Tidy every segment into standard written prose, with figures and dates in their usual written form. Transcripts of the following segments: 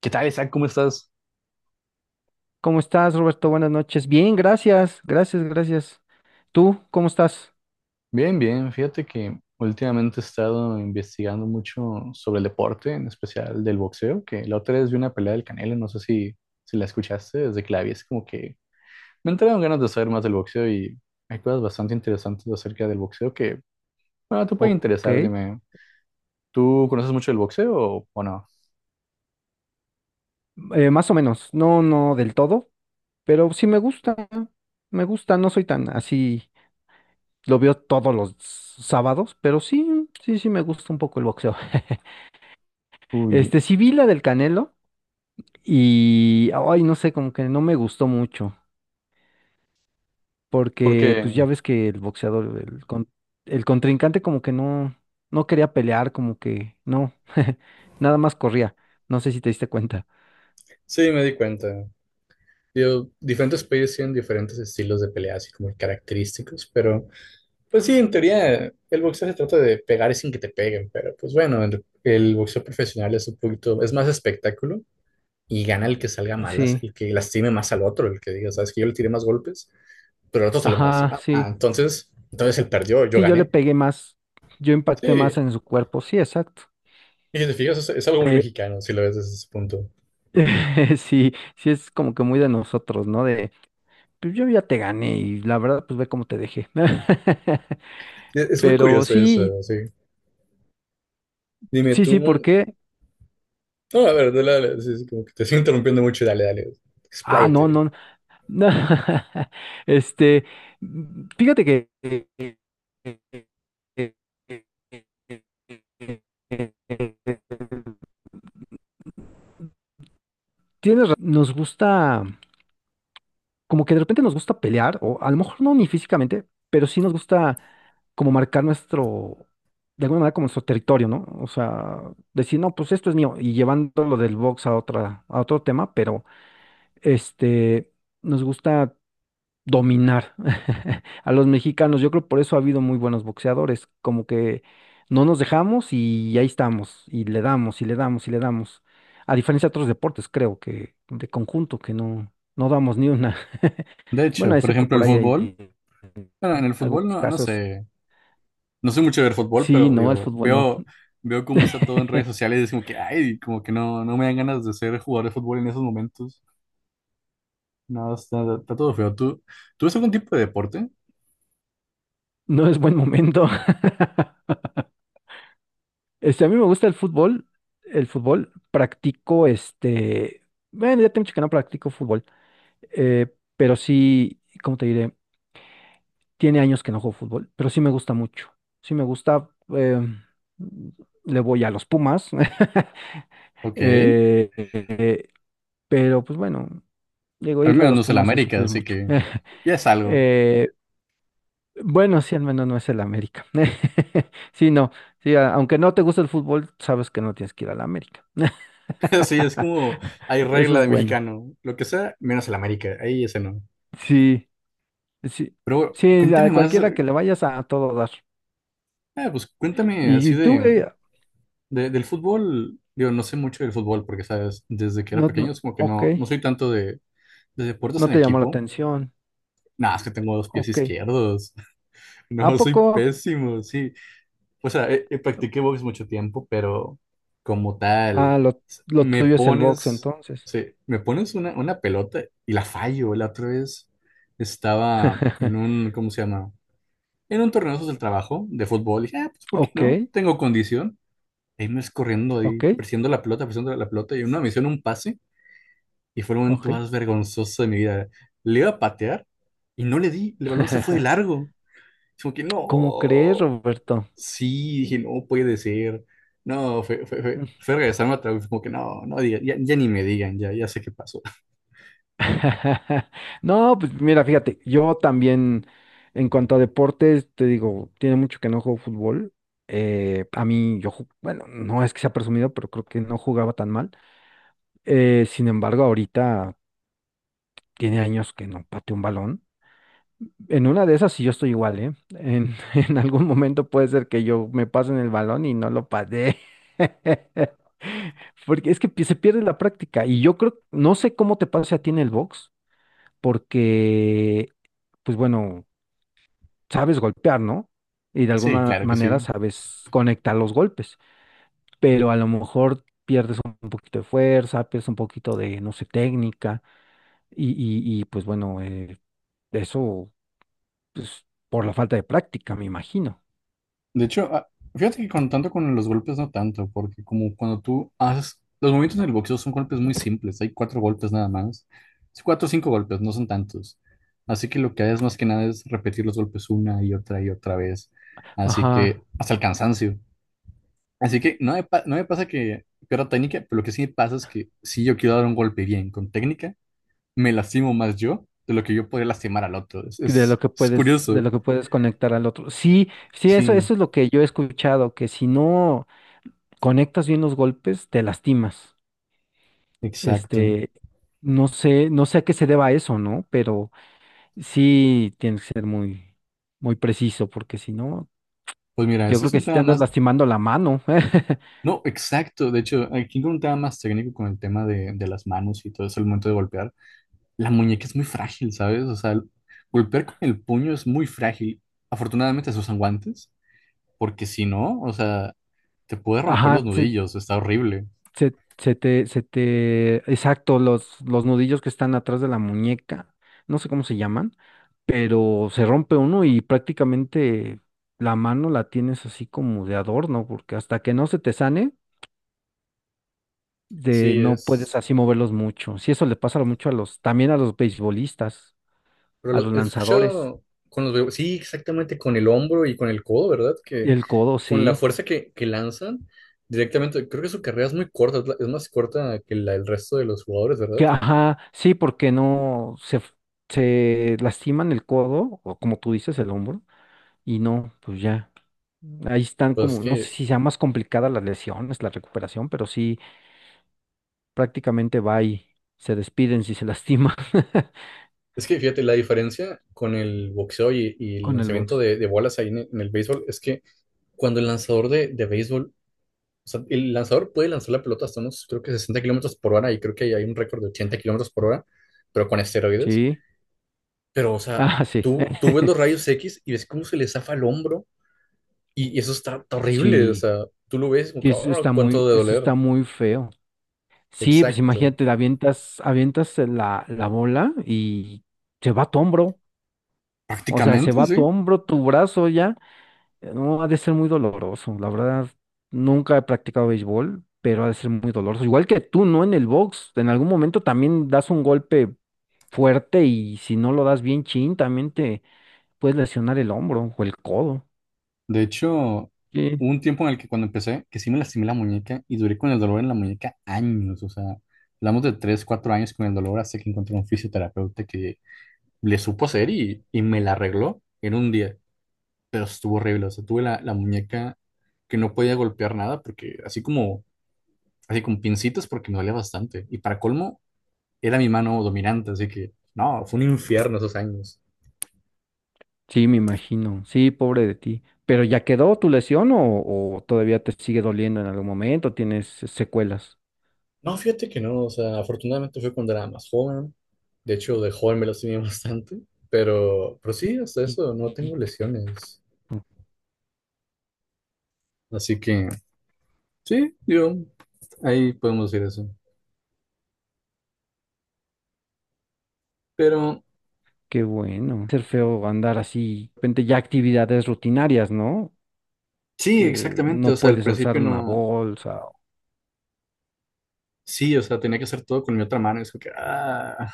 ¿Qué tal, Isaac? ¿Cómo estás? ¿Cómo estás, Roberto? Buenas noches. Bien, gracias, gracias, gracias. ¿Tú cómo estás? Bien, bien, fíjate que últimamente he estado investigando mucho sobre el deporte, en especial del boxeo, que la otra vez vi una pelea del Canelo, no sé si la escuchaste. Desde que la vi es como que me entraron ganas de saber más del boxeo, y hay cosas bastante interesantes acerca del boxeo que, bueno, te puede Ok, interesar. Dime, ¿tú conoces mucho del boxeo o no? Más o menos, no, no del todo, pero sí me gusta, no soy tan así, lo veo todos los sábados, pero sí, sí, sí me gusta un poco el boxeo. Uy, sí vi la del Canelo y, ay, no sé, como que no me gustó mucho. Porque porque pues ya ves que el boxeador, el contrincante como que no, no quería pelear, como que no, nada más corría, no sé si te diste cuenta. sí, me di cuenta. Digo, diferentes países tienen diferentes estilos de pelea, así como característicos, pero... Pues sí, en teoría el boxeo se trata de pegar sin que te peguen, pero pues bueno, el boxeo profesional es un poquito, es más espectáculo, y gana el que salga mal, Sí, el que lastime más al otro, el que diga, sabes que yo le tiré más golpes, pero el otro se lo ajá, lastima. Ah, sí, entonces, entonces él perdió, yo sí, yo le gané. pegué más, yo Sí, impacté más y en su cuerpo, sí, exacto. si te fijas, es algo muy Eh, mexicano si lo ves desde ese punto. sí, sí es como que muy de nosotros, ¿no? De, pues yo ya te gané y la verdad, pues ve cómo te dejé. Es muy Pero curioso sí, eso, sí. Dime tú, sí, no, ¿por qué? a ver, dale, dale, sí, sí, como que te estoy interrumpiendo mucho, dale, dale, Ah, no, expláyate. no. No, este, mm, fíjate que eh, eh, eh, eh, eh, eh, eh, eh, eh, eh, eh, nos gusta, como que de repente nos gusta pelear, o a lo mejor no ni físicamente, pero sí nos gusta como marcar nuestro, de alguna manera como nuestro territorio, ¿no? O sea, decir, no, pues esto es mío, y llevándolo del box a otra, a otro tema, pero este, nos gusta dominar a los mexicanos. Yo creo por eso ha habido muy buenos boxeadores, como que no nos dejamos y ahí estamos, y le damos, y le damos, y le damos. A diferencia de otros deportes, creo que de conjunto, que no, no damos ni una. De Bueno, hecho, por excepto ejemplo, por el ahí fútbol, hay bueno, en el fútbol algunos no, no casos. sé. No soy mucho de ver fútbol, Sí, pero no, el digo, fútbol no. veo cómo está todo en redes sociales y es como que, ay, como que no, no me dan ganas de ser jugador de fútbol en esos momentos. No, está todo feo. ¿Tú ves algún tipo de deporte? No es buen momento. Este, a mí me gusta el fútbol, practico este, bueno, ya tengo mucho que no practico fútbol, pero sí, ¿cómo te diré? Tiene años que no juego fútbol, pero sí me gusta mucho. Sí me gusta. eh, le voy a los Pumas. Ok. eh, pero pues bueno, digo, Al irle a menos no los es el Pumas es América, sufrir así mucho. que ya es algo. Eh, bueno, sí, al menos no es el América. Sí, no. Sí, aunque no te gusta el fútbol, sabes que no tienes que ir al América. Así es como hay Eso regla es de bueno. mexicano. Lo que sea, menos el América. Ahí ese no. Sí, sí, Pero bueno, sí, a cuéntame más, cualquiera que le vayas a, todo dar. ah, pues cuéntame así Y tú, de, del fútbol. Digo, no sé mucho del fútbol porque, sabes, desde que era no, pequeño no, es como que ok, no, no soy tanto de deportes no en te llamó la equipo. atención. Nada, es que tengo dos pies Ok. izquierdos. ¿A No, poco? soy pésimo, sí. O sea, practiqué box mucho tiempo, pero como Ah, tal, s- lo me tuyo es el box pones, entonces. sí, me pones una pelota y la fallo. La otra vez estaba en un, ¿cómo se llama? En un torneo de esos del trabajo de fútbol. Y dije, ah, pues, ¿por qué Ok, no? Tengo condición. Ahí me ves corriendo, ahí, ok, presionando la pelota, presionando la pelota. Y una misión, un pase. Y fue el momento ok. más vergonzoso de mi vida. Le iba a patear y no le di. El balón se fue de largo. Es como que ¿Cómo crees, no, Roberto? sí, dije, no puede ser. No, fue regresarme otra vez, como que no, ya, ya ni me digan, ya, ya sé qué pasó. No, pues mira, fíjate, yo también en cuanto a deportes, te digo, tiene mucho que no juego fútbol. A mí, yo, bueno, no es que sea presumido, pero creo que no jugaba tan mal. Sin embargo, ahorita tiene años que no pateo un balón. En una de esas sí yo estoy igual, ¿eh? En, en algún momento puede ser que yo me pasen el balón y no lo pasé. Porque es que se pierde la práctica. Y yo creo, no sé cómo te pase a ti en el box, porque, pues bueno, sabes golpear, ¿no? Y de Sí, alguna claro que manera sí. sabes conectar los golpes. Pero a lo mejor un poquito de fuerza, pues un poquito de, no sé, técnica. Y, pues bueno, eso, pues por la falta de práctica, me imagino. De hecho, ah, fíjate que con tanto con los golpes no tanto, porque como cuando tú haces, los movimientos en el boxeo son golpes muy simples, hay cuatro golpes nada más. Es cuatro o cinco golpes, no son tantos. Así que lo que haces más que nada es repetir los golpes una y otra vez. Así Ajá, que hasta el cansancio. Así que no me, no me pasa que pierda técnica, pero lo que sí me pasa es que si yo quiero dar un golpe bien con técnica, me lastimo más yo de lo que yo podría lastimar al otro. Es, de lo es, que es puedes, de lo curioso. que puedes conectar al otro. Sí, sí, eso, Sí, eso es lo que yo he escuchado, que si no conectas bien los golpes, te lastimas. exacto. Este, no sé, no sé a qué se deba eso, ¿no? Pero sí tienes que ser muy, muy preciso, porque si no, Pues mira, yo eso creo es que un sí te tema andas más... lastimando la mano. No, exacto. De hecho, aquí con un tema más técnico con el tema de las manos y todo eso, el momento de golpear. La muñeca es muy frágil, ¿sabes? O sea, golpear con el puño es muy frágil. Afortunadamente se usan guantes, porque si no, o sea, te puede romper Ajá, los sí, nudillos. Está horrible. Se te, exacto, los nudillos que están atrás de la muñeca, no sé cómo se llaman, pero se rompe uno y prácticamente la mano la tienes así como de adorno, porque hasta que no se te sane, de, Sí, no puedes es. así moverlos mucho. Sí, eso le pasa mucho a los, también a los beisbolistas, a los He lanzadores. escuchado con los bebés. Sí, exactamente con el hombro y con el codo, ¿verdad? Que El codo, con la sí. fuerza que lanzan directamente. Creo que su carrera es muy corta, es más corta que la del resto de los jugadores, ¿verdad? Que, ajá, sí, porque no se, se lastiman el codo, o como tú dices, el hombro. Y no, pues ya. Ahí están Pues como, no sé si sea más complicada las lesiones, la recuperación, pero sí, prácticamente va y se despiden si se lastima es que fíjate, la diferencia con el boxeo y el con el lanzamiento box. de bolas ahí en el béisbol es que cuando el lanzador de béisbol. O sea, el lanzador puede lanzar la pelota hasta unos, creo que 60 km/h, y creo que hay un récord de 80 km/h, pero con esteroides. Sí. Pero, o sea, Ah, sí. tú ves los rayos X y ves cómo se le zafa el hombro y eso está horrible. O Sí, sea, tú lo ves como, sí, que, "Ah, cuánto de eso doler". está muy feo. Sí, pues Exacto. imagínate, la avientas, avientas la bola y se va a tu hombro. O sea, se Prácticamente, va a tu sí. hombro, tu brazo ya. No, ha de ser muy doloroso. La verdad, nunca he practicado béisbol, pero ha de ser muy doloroso. Igual que tú, ¿no? En el box, en algún momento también das un golpe fuerte y si no lo das bien chin, también te puedes lesionar el hombro o el codo. De hecho, Sí. hubo un tiempo en el que cuando empecé, que sí me lastimé la muñeca y duré con el dolor en la muñeca años. O sea, hablamos de 3 4 años con el dolor hasta que encontré un fisioterapeuta que le supo hacer y me la arregló en un día. Pero estuvo horrible. O sea, tuve la muñeca que no podía golpear nada porque así como así con pincitas porque me dolía bastante. Y para colmo, era mi mano dominante, así que no, fue un infierno esos años. Sí, me imagino. Sí, pobre de ti. ¿Pero ya quedó tu lesión o todavía te sigue doliendo en algún momento? ¿Tienes secuelas? No, fíjate que no, o sea, afortunadamente fue cuando era más joven. De hecho, de joven me las tenía bastante, pero sí, hasta Y- eso, no y- tengo lesiones. Así que sí, yo, ahí podemos decir eso. Pero Qué bueno. Ser feo andar así, de repente ya actividades rutinarias, ¿no? sí, Que exactamente, o no sea, al puedes alzar principio una no, bolsa, sí, o sea, tenía que hacer todo con mi otra mano, es como que, ah,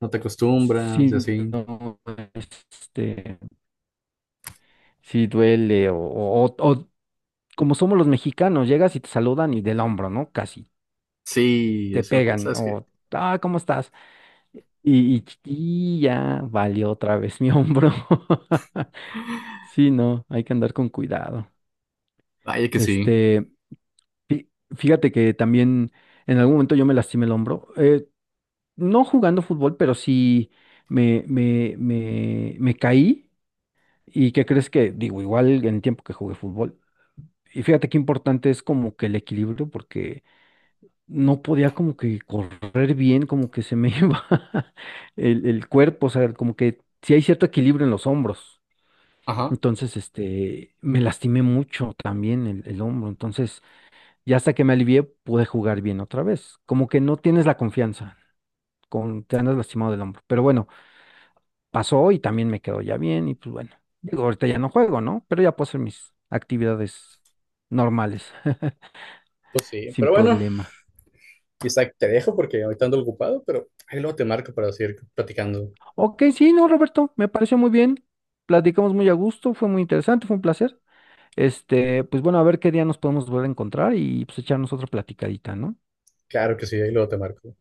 no te acostumbras y si así. no, este, si duele, o como somos los mexicanos, llegas y te saludan y del hombro, ¿no? Casi Sí, te es como que, pegan, ¿sabes qué? o, ah, ¿cómo estás? Y, y ya valió otra vez mi hombro. Sí, no, hay que andar con cuidado. Vaya que sí. Este, fí- fíjate que también en algún momento yo me lastimé el hombro, no jugando fútbol, pero sí me, me caí. ¿Y qué crees que, digo, igual en el tiempo que jugué fútbol? Y fíjate qué importante es como que el equilibrio, porque no podía como que correr bien, como que se me iba el cuerpo, o sea, como que sí hay cierto equilibrio en los hombros. Ajá. Entonces, este, me lastimé mucho también el hombro. Entonces, ya hasta que me alivié, pude jugar bien otra vez. Como que no tienes la confianza, con, te andas lastimado del hombro. Pero bueno, pasó y también me quedó ya bien y pues bueno, digo, ahorita ya no juego, ¿no? Pero ya puedo hacer mis actividades normales, Pues sí, sin pero bueno, problema. Isaac, te dejo porque ahorita ando ocupado, pero ahí luego te marco para seguir platicando. Ok, sí, no, Roberto, me pareció muy bien. Platicamos muy a gusto, fue muy interesante, fue un placer. Este, pues bueno, a ver qué día nos podemos volver a encontrar y pues echarnos otra platicadita, ¿no? Claro que sí, ahí luego te marco.